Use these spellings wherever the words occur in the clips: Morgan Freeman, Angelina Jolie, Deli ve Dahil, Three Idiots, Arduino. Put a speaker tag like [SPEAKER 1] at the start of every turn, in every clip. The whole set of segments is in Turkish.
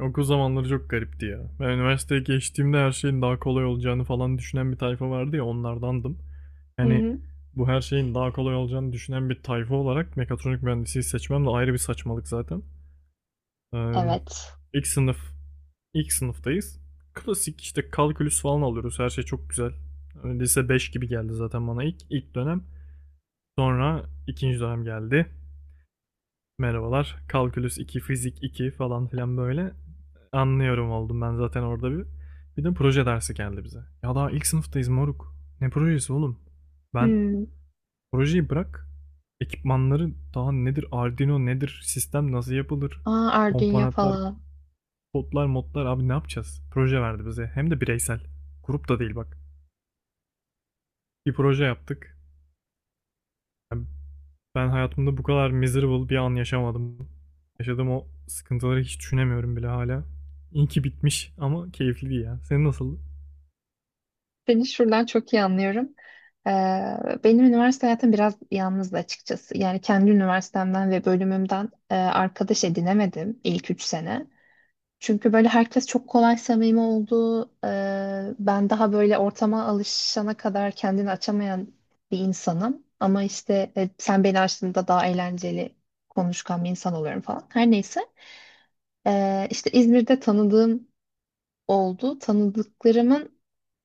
[SPEAKER 1] Okul zamanları çok garipti ya. Ben üniversiteye geçtiğimde her şeyin daha kolay olacağını falan düşünen bir tayfa vardı ya onlardandım.
[SPEAKER 2] Hı
[SPEAKER 1] Yani
[SPEAKER 2] hı.
[SPEAKER 1] bu her şeyin daha kolay olacağını düşünen bir tayfa olarak mekatronik mühendisliği seçmem de ayrı bir saçmalık zaten. Ee,
[SPEAKER 2] Evet.
[SPEAKER 1] ilk sınıf, ilk sınıftayız. Klasik işte kalkülüs falan alıyoruz. Her şey çok güzel. Lise 5 gibi geldi zaten bana ilk dönem. Sonra ikinci dönem geldi. Merhabalar. Kalkülüs 2, fizik 2 falan filan böyle. Anlıyorum oldum ben zaten orada Bir de proje dersi geldi bize. Ya daha ilk sınıftayız moruk. Ne projesi oğlum? Ben
[SPEAKER 2] Hmm.
[SPEAKER 1] projeyi bırak. Ekipmanları daha nedir? Arduino nedir? Sistem nasıl yapılır?
[SPEAKER 2] Arduino
[SPEAKER 1] Komponentler,
[SPEAKER 2] falan.
[SPEAKER 1] kodlar, modlar abi ne yapacağız? Proje verdi bize. Hem de bireysel. Grup da değil bak. Bir proje yaptık. Yani Ben hayatımda bu kadar miserable bir an yaşamadım. Yaşadığım o sıkıntıları hiç düşünemiyorum bile hala. İyi ki bitmiş ama keyifliydi ya. Senin nasıldı?
[SPEAKER 2] Seni şuradan çok iyi anlıyorum. Ee, benim üniversite hayatım biraz yalnızdı açıkçası. Yani kendi üniversitemden ve bölümümden arkadaş edinemedim ilk üç sene. Çünkü böyle herkes çok kolay samimi oldu. Ben daha böyle ortama alışana kadar kendini açamayan bir insanım. Ama işte sen beni açtığında daha eğlenceli konuşkan bir insan oluyorum falan. Her neyse. İşte İzmir'de tanıdığım oldu. Tanıdıklarımın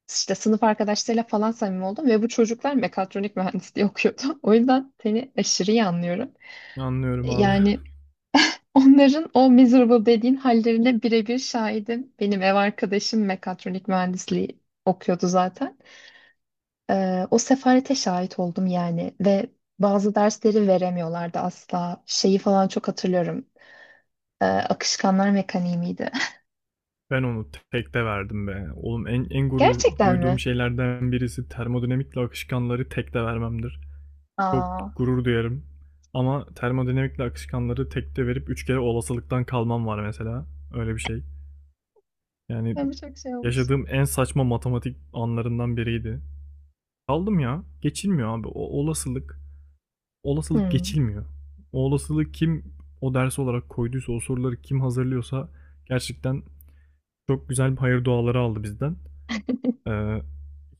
[SPEAKER 2] işte sınıf arkadaşlarıyla falan samimi oldum ve bu çocuklar mekatronik mühendisliği okuyordu. O yüzden seni aşırı iyi anlıyorum.
[SPEAKER 1] Anlıyorum abi.
[SPEAKER 2] Yani onların o miserable dediğin hallerine birebir şahidim. Benim ev arkadaşım mekatronik mühendisliği okuyordu zaten. O sefalete şahit oldum yani ve bazı dersleri veremiyorlardı asla. Şeyi falan çok hatırlıyorum. Akışkanlar mekaniği miydi?
[SPEAKER 1] Ben onu tekte verdim be. Oğlum en gurur
[SPEAKER 2] Gerçekten
[SPEAKER 1] duyduğum
[SPEAKER 2] mi?
[SPEAKER 1] şeylerden birisi termodinamikle akışkanları tekte vermemdir. Çok
[SPEAKER 2] Aa,
[SPEAKER 1] gurur duyarım. Ama termodinamikle akışkanları tekte verip 3 kere olasılıktan kalmam var mesela. Öyle bir şey. Yani
[SPEAKER 2] ben bu çok şey olmuş.
[SPEAKER 1] yaşadığım en saçma matematik anlarından biriydi. Kaldım ya. Geçilmiyor abi. O olasılık
[SPEAKER 2] Hmm.
[SPEAKER 1] geçilmiyor. O olasılık kim o ders olarak koyduysa, o soruları kim hazırlıyorsa gerçekten çok güzel bir hayır duaları aldı bizden. Ee,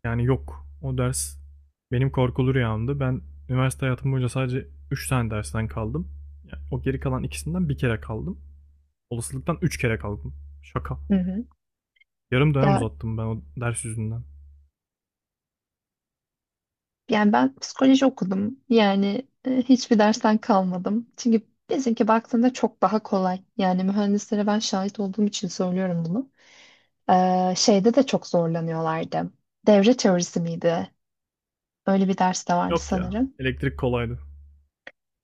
[SPEAKER 1] yani yok. O ders benim korkulu rüyamdı. Ben üniversite hayatım boyunca sadece 3 tane dersten kaldım. Yani o geri kalan ikisinden bir kere kaldım. Olasılıktan 3 kere kaldım. Şaka.
[SPEAKER 2] Hı hı.
[SPEAKER 1] Yarım dönem
[SPEAKER 2] Ya
[SPEAKER 1] uzattım ben o ders yüzünden.
[SPEAKER 2] yani ben psikoloji okudum. Yani hiçbir dersten kalmadım. Çünkü bizimki baktığında çok daha kolay. Yani mühendislere ben şahit olduğum için söylüyorum bunu. Şeyde de çok zorlanıyorlardı. Devre teorisi miydi? Öyle bir ders de vardı
[SPEAKER 1] Yok ya.
[SPEAKER 2] sanırım.
[SPEAKER 1] Elektrik kolaydı.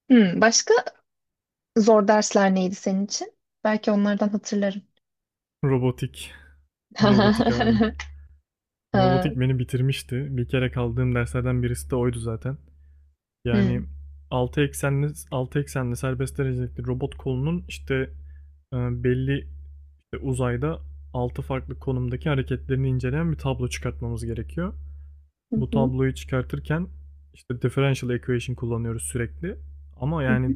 [SPEAKER 2] Hmm, başka zor dersler neydi senin için? Belki onlardan hatırlarım.
[SPEAKER 1] Robotik. Robotik abi. Robotik
[SPEAKER 2] Ee,
[SPEAKER 1] beni bitirmişti. Bir kere kaldığım derslerden birisi de oydu zaten. Yani
[SPEAKER 2] hmm.
[SPEAKER 1] 6 eksenli serbest derecelikli robot kolunun işte belli işte uzayda 6 farklı konumdaki hareketlerini inceleyen bir tablo çıkartmamız gerekiyor.
[SPEAKER 2] Hı
[SPEAKER 1] Bu
[SPEAKER 2] hı,
[SPEAKER 1] tabloyu çıkartırken işte differential equation kullanıyoruz sürekli. Ama
[SPEAKER 2] hı hı.
[SPEAKER 1] yani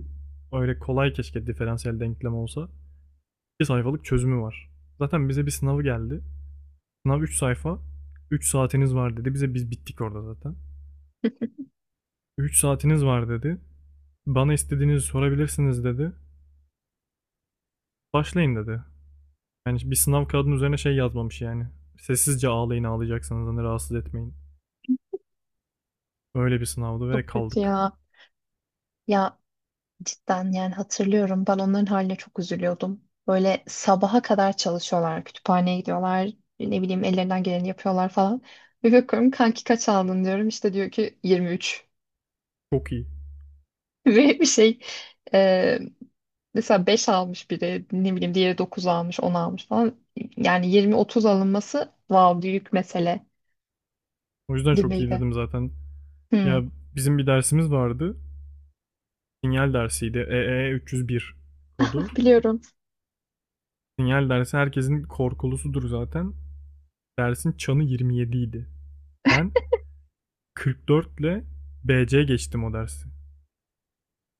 [SPEAKER 1] öyle kolay keşke diferansiyel denklem olsa. 2 sayfalık çözümü var. Zaten bize bir sınavı geldi. Sınav 3 sayfa. 3 saatiniz var dedi. Biz bittik orada zaten. 3 saatiniz var dedi. Bana istediğinizi sorabilirsiniz dedi. Başlayın dedi. Yani bir sınav kağıdının üzerine şey yazmamış yani. Sessizce ağlayın ağlayacaksanız hani rahatsız etmeyin. Öyle bir sınavdı ve
[SPEAKER 2] Çok kötü
[SPEAKER 1] kaldık.
[SPEAKER 2] ya. Ya, cidden yani hatırlıyorum, ben onların haline çok üzülüyordum. Böyle sabaha kadar çalışıyorlar, kütüphaneye gidiyorlar, ne bileyim ellerinden geleni yapıyorlar falan. Bir bakıyorum kanki kaç aldın diyorum, işte diyor ki 23.
[SPEAKER 1] Çok iyi.
[SPEAKER 2] Ve bir e, mesela 5 almış biri, ne bileyim diğeri 9 almış 10 almış falan. Yani 20-30 alınması wow büyük mesele
[SPEAKER 1] O yüzden çok iyi
[SPEAKER 2] gibiydi.
[SPEAKER 1] dedim zaten.
[SPEAKER 2] Hmm.
[SPEAKER 1] Ya bizim bir dersimiz vardı. Sinyal dersiydi. EE 301 kodu.
[SPEAKER 2] Biliyorum.
[SPEAKER 1] Sinyal dersi herkesin korkulusudur zaten. Dersin çanı 27 idi. Ben 44 ile BC geçtim o dersi.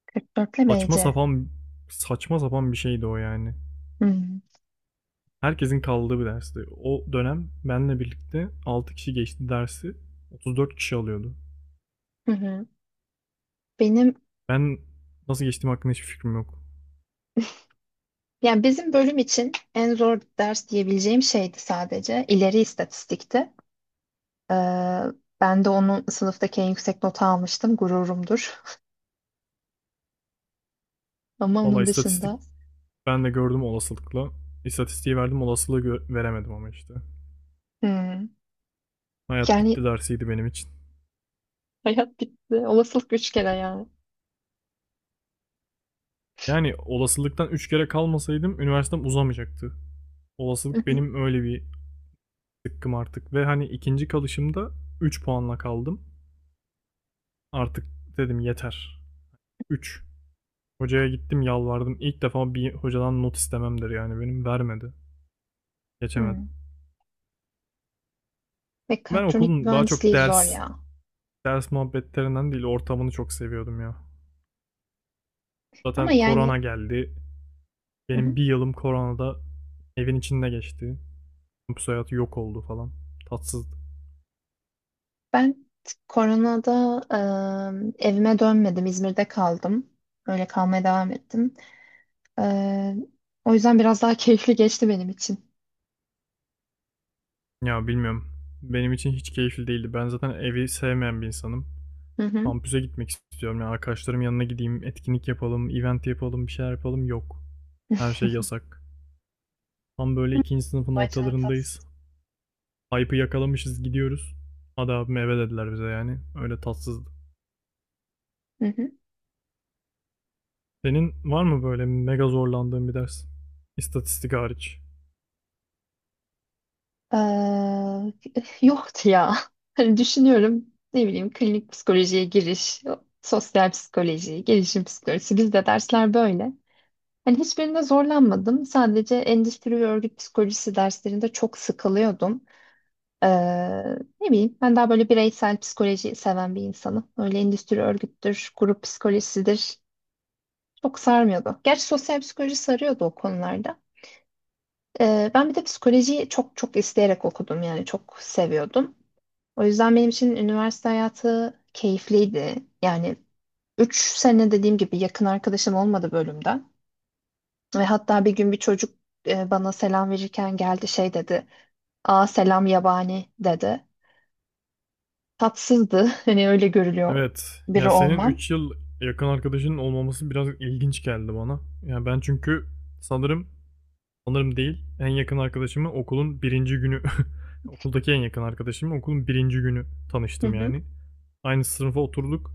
[SPEAKER 2] 44 ile
[SPEAKER 1] Saçma
[SPEAKER 2] BC.
[SPEAKER 1] sapan saçma sapan bir şeydi o yani.
[SPEAKER 2] Hmm.
[SPEAKER 1] Herkesin kaldığı bir dersti. O dönem benle birlikte 6 kişi geçti dersi. 34 kişi alıyordu.
[SPEAKER 2] Hı hı. Benim
[SPEAKER 1] Ben nasıl geçtiğim hakkında hiçbir fikrim yok.
[SPEAKER 2] Yani bizim bölüm için en zor ders diyebileceğim şeydi sadece. İleri istatistikti. Ee, ben de onu sınıftaki en yüksek nota almıştım. Gururumdur. Ama
[SPEAKER 1] Valla
[SPEAKER 2] onun
[SPEAKER 1] istatistik
[SPEAKER 2] dışında
[SPEAKER 1] ben de gördüm olasılıkla. İstatistiği verdim olasılığı veremedim ama işte.
[SPEAKER 2] hmm,
[SPEAKER 1] Hayat
[SPEAKER 2] yani
[SPEAKER 1] bitti dersiydi benim için.
[SPEAKER 2] hayat bitti. Olasılık üç kere ya.
[SPEAKER 1] Yani olasılıktan 3 kere kalmasaydım üniversitem uzamayacaktı.
[SPEAKER 2] Hı
[SPEAKER 1] Olasılık
[SPEAKER 2] hı.
[SPEAKER 1] benim öyle bir sıkkım artık. Ve hani ikinci kalışımda 3 puanla kaldım. Artık dedim yeter. 3. Hocaya gittim yalvardım. İlk defa bir hocadan not istememdir yani benim. Vermedi. Geçemedim.
[SPEAKER 2] Hmm.
[SPEAKER 1] Ben
[SPEAKER 2] Mekatronik
[SPEAKER 1] okulun daha çok
[SPEAKER 2] mühendisliği zor
[SPEAKER 1] ders,
[SPEAKER 2] ya.
[SPEAKER 1] ders muhabbetlerinden değil ortamını çok seviyordum ya.
[SPEAKER 2] Ama
[SPEAKER 1] Zaten korona
[SPEAKER 2] yani
[SPEAKER 1] geldi.
[SPEAKER 2] hı hı.
[SPEAKER 1] Benim bir yılım koronada evin içinde geçti. Kampüs hayatı yok oldu falan. Tatsızdı.
[SPEAKER 2] Ben koronada, evime dönmedim. İzmir'de kaldım. Öyle kalmaya devam ettim. Ee, o yüzden biraz daha keyifli geçti benim için.
[SPEAKER 1] Ya bilmiyorum. Benim için hiç keyifli değildi. Ben zaten evi sevmeyen bir insanım.
[SPEAKER 2] Hı hı.
[SPEAKER 1] Kampüse gitmek istiyorum ya. Arkadaşlarım yanına gideyim, etkinlik yapalım, event yapalım, bir şeyler yapalım. Yok. Her şey yasak. Tam böyle ikinci sınıfın
[SPEAKER 2] O açıdan
[SPEAKER 1] ortalarındayız.
[SPEAKER 2] tatsız.
[SPEAKER 1] Hype'ı yakalamışız gidiyoruz. Hadi abi eve dediler bize yani. Öyle tatsızdı.
[SPEAKER 2] Hı hı.
[SPEAKER 1] Senin var mı böyle mega zorlandığın bir ders? İstatistik hariç.
[SPEAKER 2] Eee, yoktu ya. Hani düşünüyorum, ne bileyim klinik psikolojiye giriş, sosyal psikoloji, gelişim psikolojisi, bizde dersler böyle. Hani hiçbirinde zorlanmadım. Sadece endüstri ve örgüt psikolojisi derslerinde çok sıkılıyordum. Ne bileyim ben daha böyle bireysel psikoloji seven bir insanım. Öyle endüstri örgüttür, grup psikolojisidir. Çok sarmıyordu. Gerçi sosyal psikoloji sarıyordu o konularda. Ben bir de psikolojiyi çok çok isteyerek okudum yani, çok seviyordum. O yüzden benim için üniversite hayatı keyifliydi. Yani 3 sene, dediğim gibi yakın arkadaşım olmadı bölümden. Ve hatta bir gün bir çocuk bana selam verirken geldi şey dedi. Aa selam yabani dedi. Tatsızdı. Hani öyle görülüyor
[SPEAKER 1] Evet.
[SPEAKER 2] biri
[SPEAKER 1] Ya senin
[SPEAKER 2] olmam.
[SPEAKER 1] 3 yıl yakın arkadaşının olmaması biraz ilginç geldi bana. Ya ben çünkü sanırım sanırım değil en yakın arkadaşımı okulun birinci günü okuldaki en yakın arkadaşımı okulun birinci günü
[SPEAKER 2] Hı
[SPEAKER 1] tanıştım
[SPEAKER 2] hı,
[SPEAKER 1] yani. Aynı sınıfa oturduk.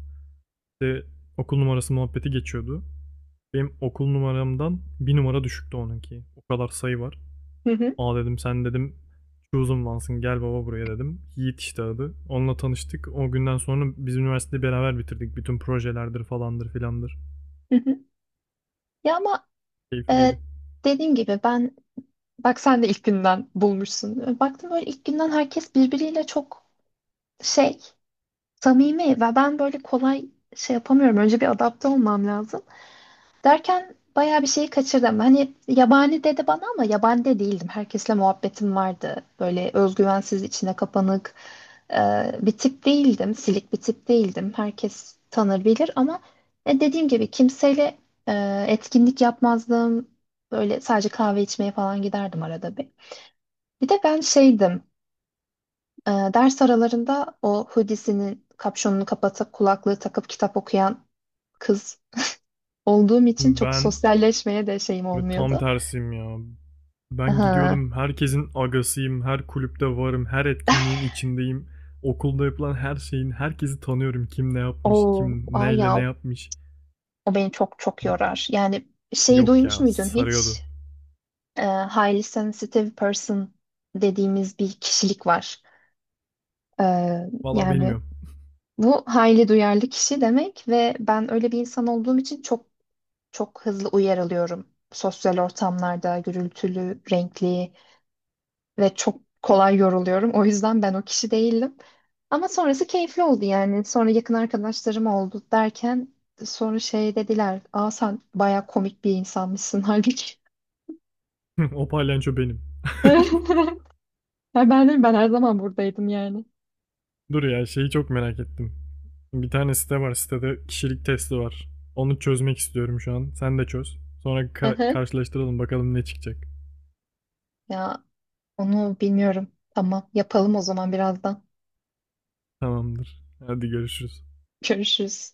[SPEAKER 1] İşte okul numarası muhabbeti geçiyordu. Benim okul numaramdan bir numara düşüktü onunki. O kadar sayı var.
[SPEAKER 2] hı hı,
[SPEAKER 1] Aa dedim sen dedim chosen one'sın gel baba buraya dedim. Yiğit işte adı. Onunla tanıştık. O günden sonra biz üniversiteyi beraber bitirdik. Bütün projelerdir falandır filandır.
[SPEAKER 2] hı hı. Ya ama
[SPEAKER 1] Keyifliydi.
[SPEAKER 2] e, dediğim gibi ben, bak sen de ilk günden bulmuşsun. Baktım böyle ilk günden herkes birbiriyle çok şey, samimi ve ben böyle kolay şey yapamıyorum. Önce bir adapte olmam lazım. Derken bayağı bir şeyi kaçırdım. Hani yabani dedi bana ama yabani de değildim. Herkesle muhabbetim vardı. Böyle özgüvensiz, içine kapanık e, bir tip değildim. Silik bir tip değildim. Herkes tanır bilir ama dediğim gibi kimseyle etkinlik yapmazdım. Böyle sadece kahve içmeye falan giderdim arada bir. Bir de ben şeydim. Ders aralarında o hoodiesinin kapşonunu kapatıp kulaklığı takıp kitap okuyan kız olduğum için çok
[SPEAKER 1] Ben
[SPEAKER 2] sosyalleşmeye de şeyim
[SPEAKER 1] tam
[SPEAKER 2] olmuyordu.
[SPEAKER 1] tersiyim ya. Ben
[SPEAKER 2] Aha.
[SPEAKER 1] gidiyordum herkesin agasıyım. Her kulüpte varım. Her etkinliğin içindeyim. Okulda yapılan her şeyin herkesi tanıyorum. Kim ne yapmış,
[SPEAKER 2] O
[SPEAKER 1] kim
[SPEAKER 2] var
[SPEAKER 1] neyle ne
[SPEAKER 2] ya,
[SPEAKER 1] yapmış.
[SPEAKER 2] o beni çok çok yorar. Yani şeyi
[SPEAKER 1] Yok
[SPEAKER 2] duymuş
[SPEAKER 1] ya
[SPEAKER 2] muydun
[SPEAKER 1] sarıyordu.
[SPEAKER 2] hiç? Highly sensitive person dediğimiz bir kişilik var. Ee,
[SPEAKER 1] Valla
[SPEAKER 2] yani
[SPEAKER 1] bilmiyorum.
[SPEAKER 2] bu highly duyarlı kişi demek ve ben öyle bir insan olduğum için çok çok hızlı uyarılıyorum. Sosyal ortamlarda gürültülü, renkli, ve çok kolay yoruluyorum. O yüzden ben o kişi değildim. Ama sonrası keyifli oldu yani. Sonra yakın arkadaşlarım oldu derken sonra şey dediler. Aa sen baya komik bir insanmışsın halbuki.
[SPEAKER 1] O palyaço benim.
[SPEAKER 2] Ya ben de, ben her zaman buradaydım yani.
[SPEAKER 1] Dur ya şeyi çok merak ettim. Bir tane site var. Sitede kişilik testi var. Onu çözmek istiyorum şu an. Sen de çöz. Sonra
[SPEAKER 2] Hı hı.
[SPEAKER 1] karşılaştıralım bakalım ne çıkacak.
[SPEAKER 2] Ya onu bilmiyorum. Tamam, yapalım o zaman birazdan.
[SPEAKER 1] Tamamdır. Hadi görüşürüz.
[SPEAKER 2] Görüşürüz.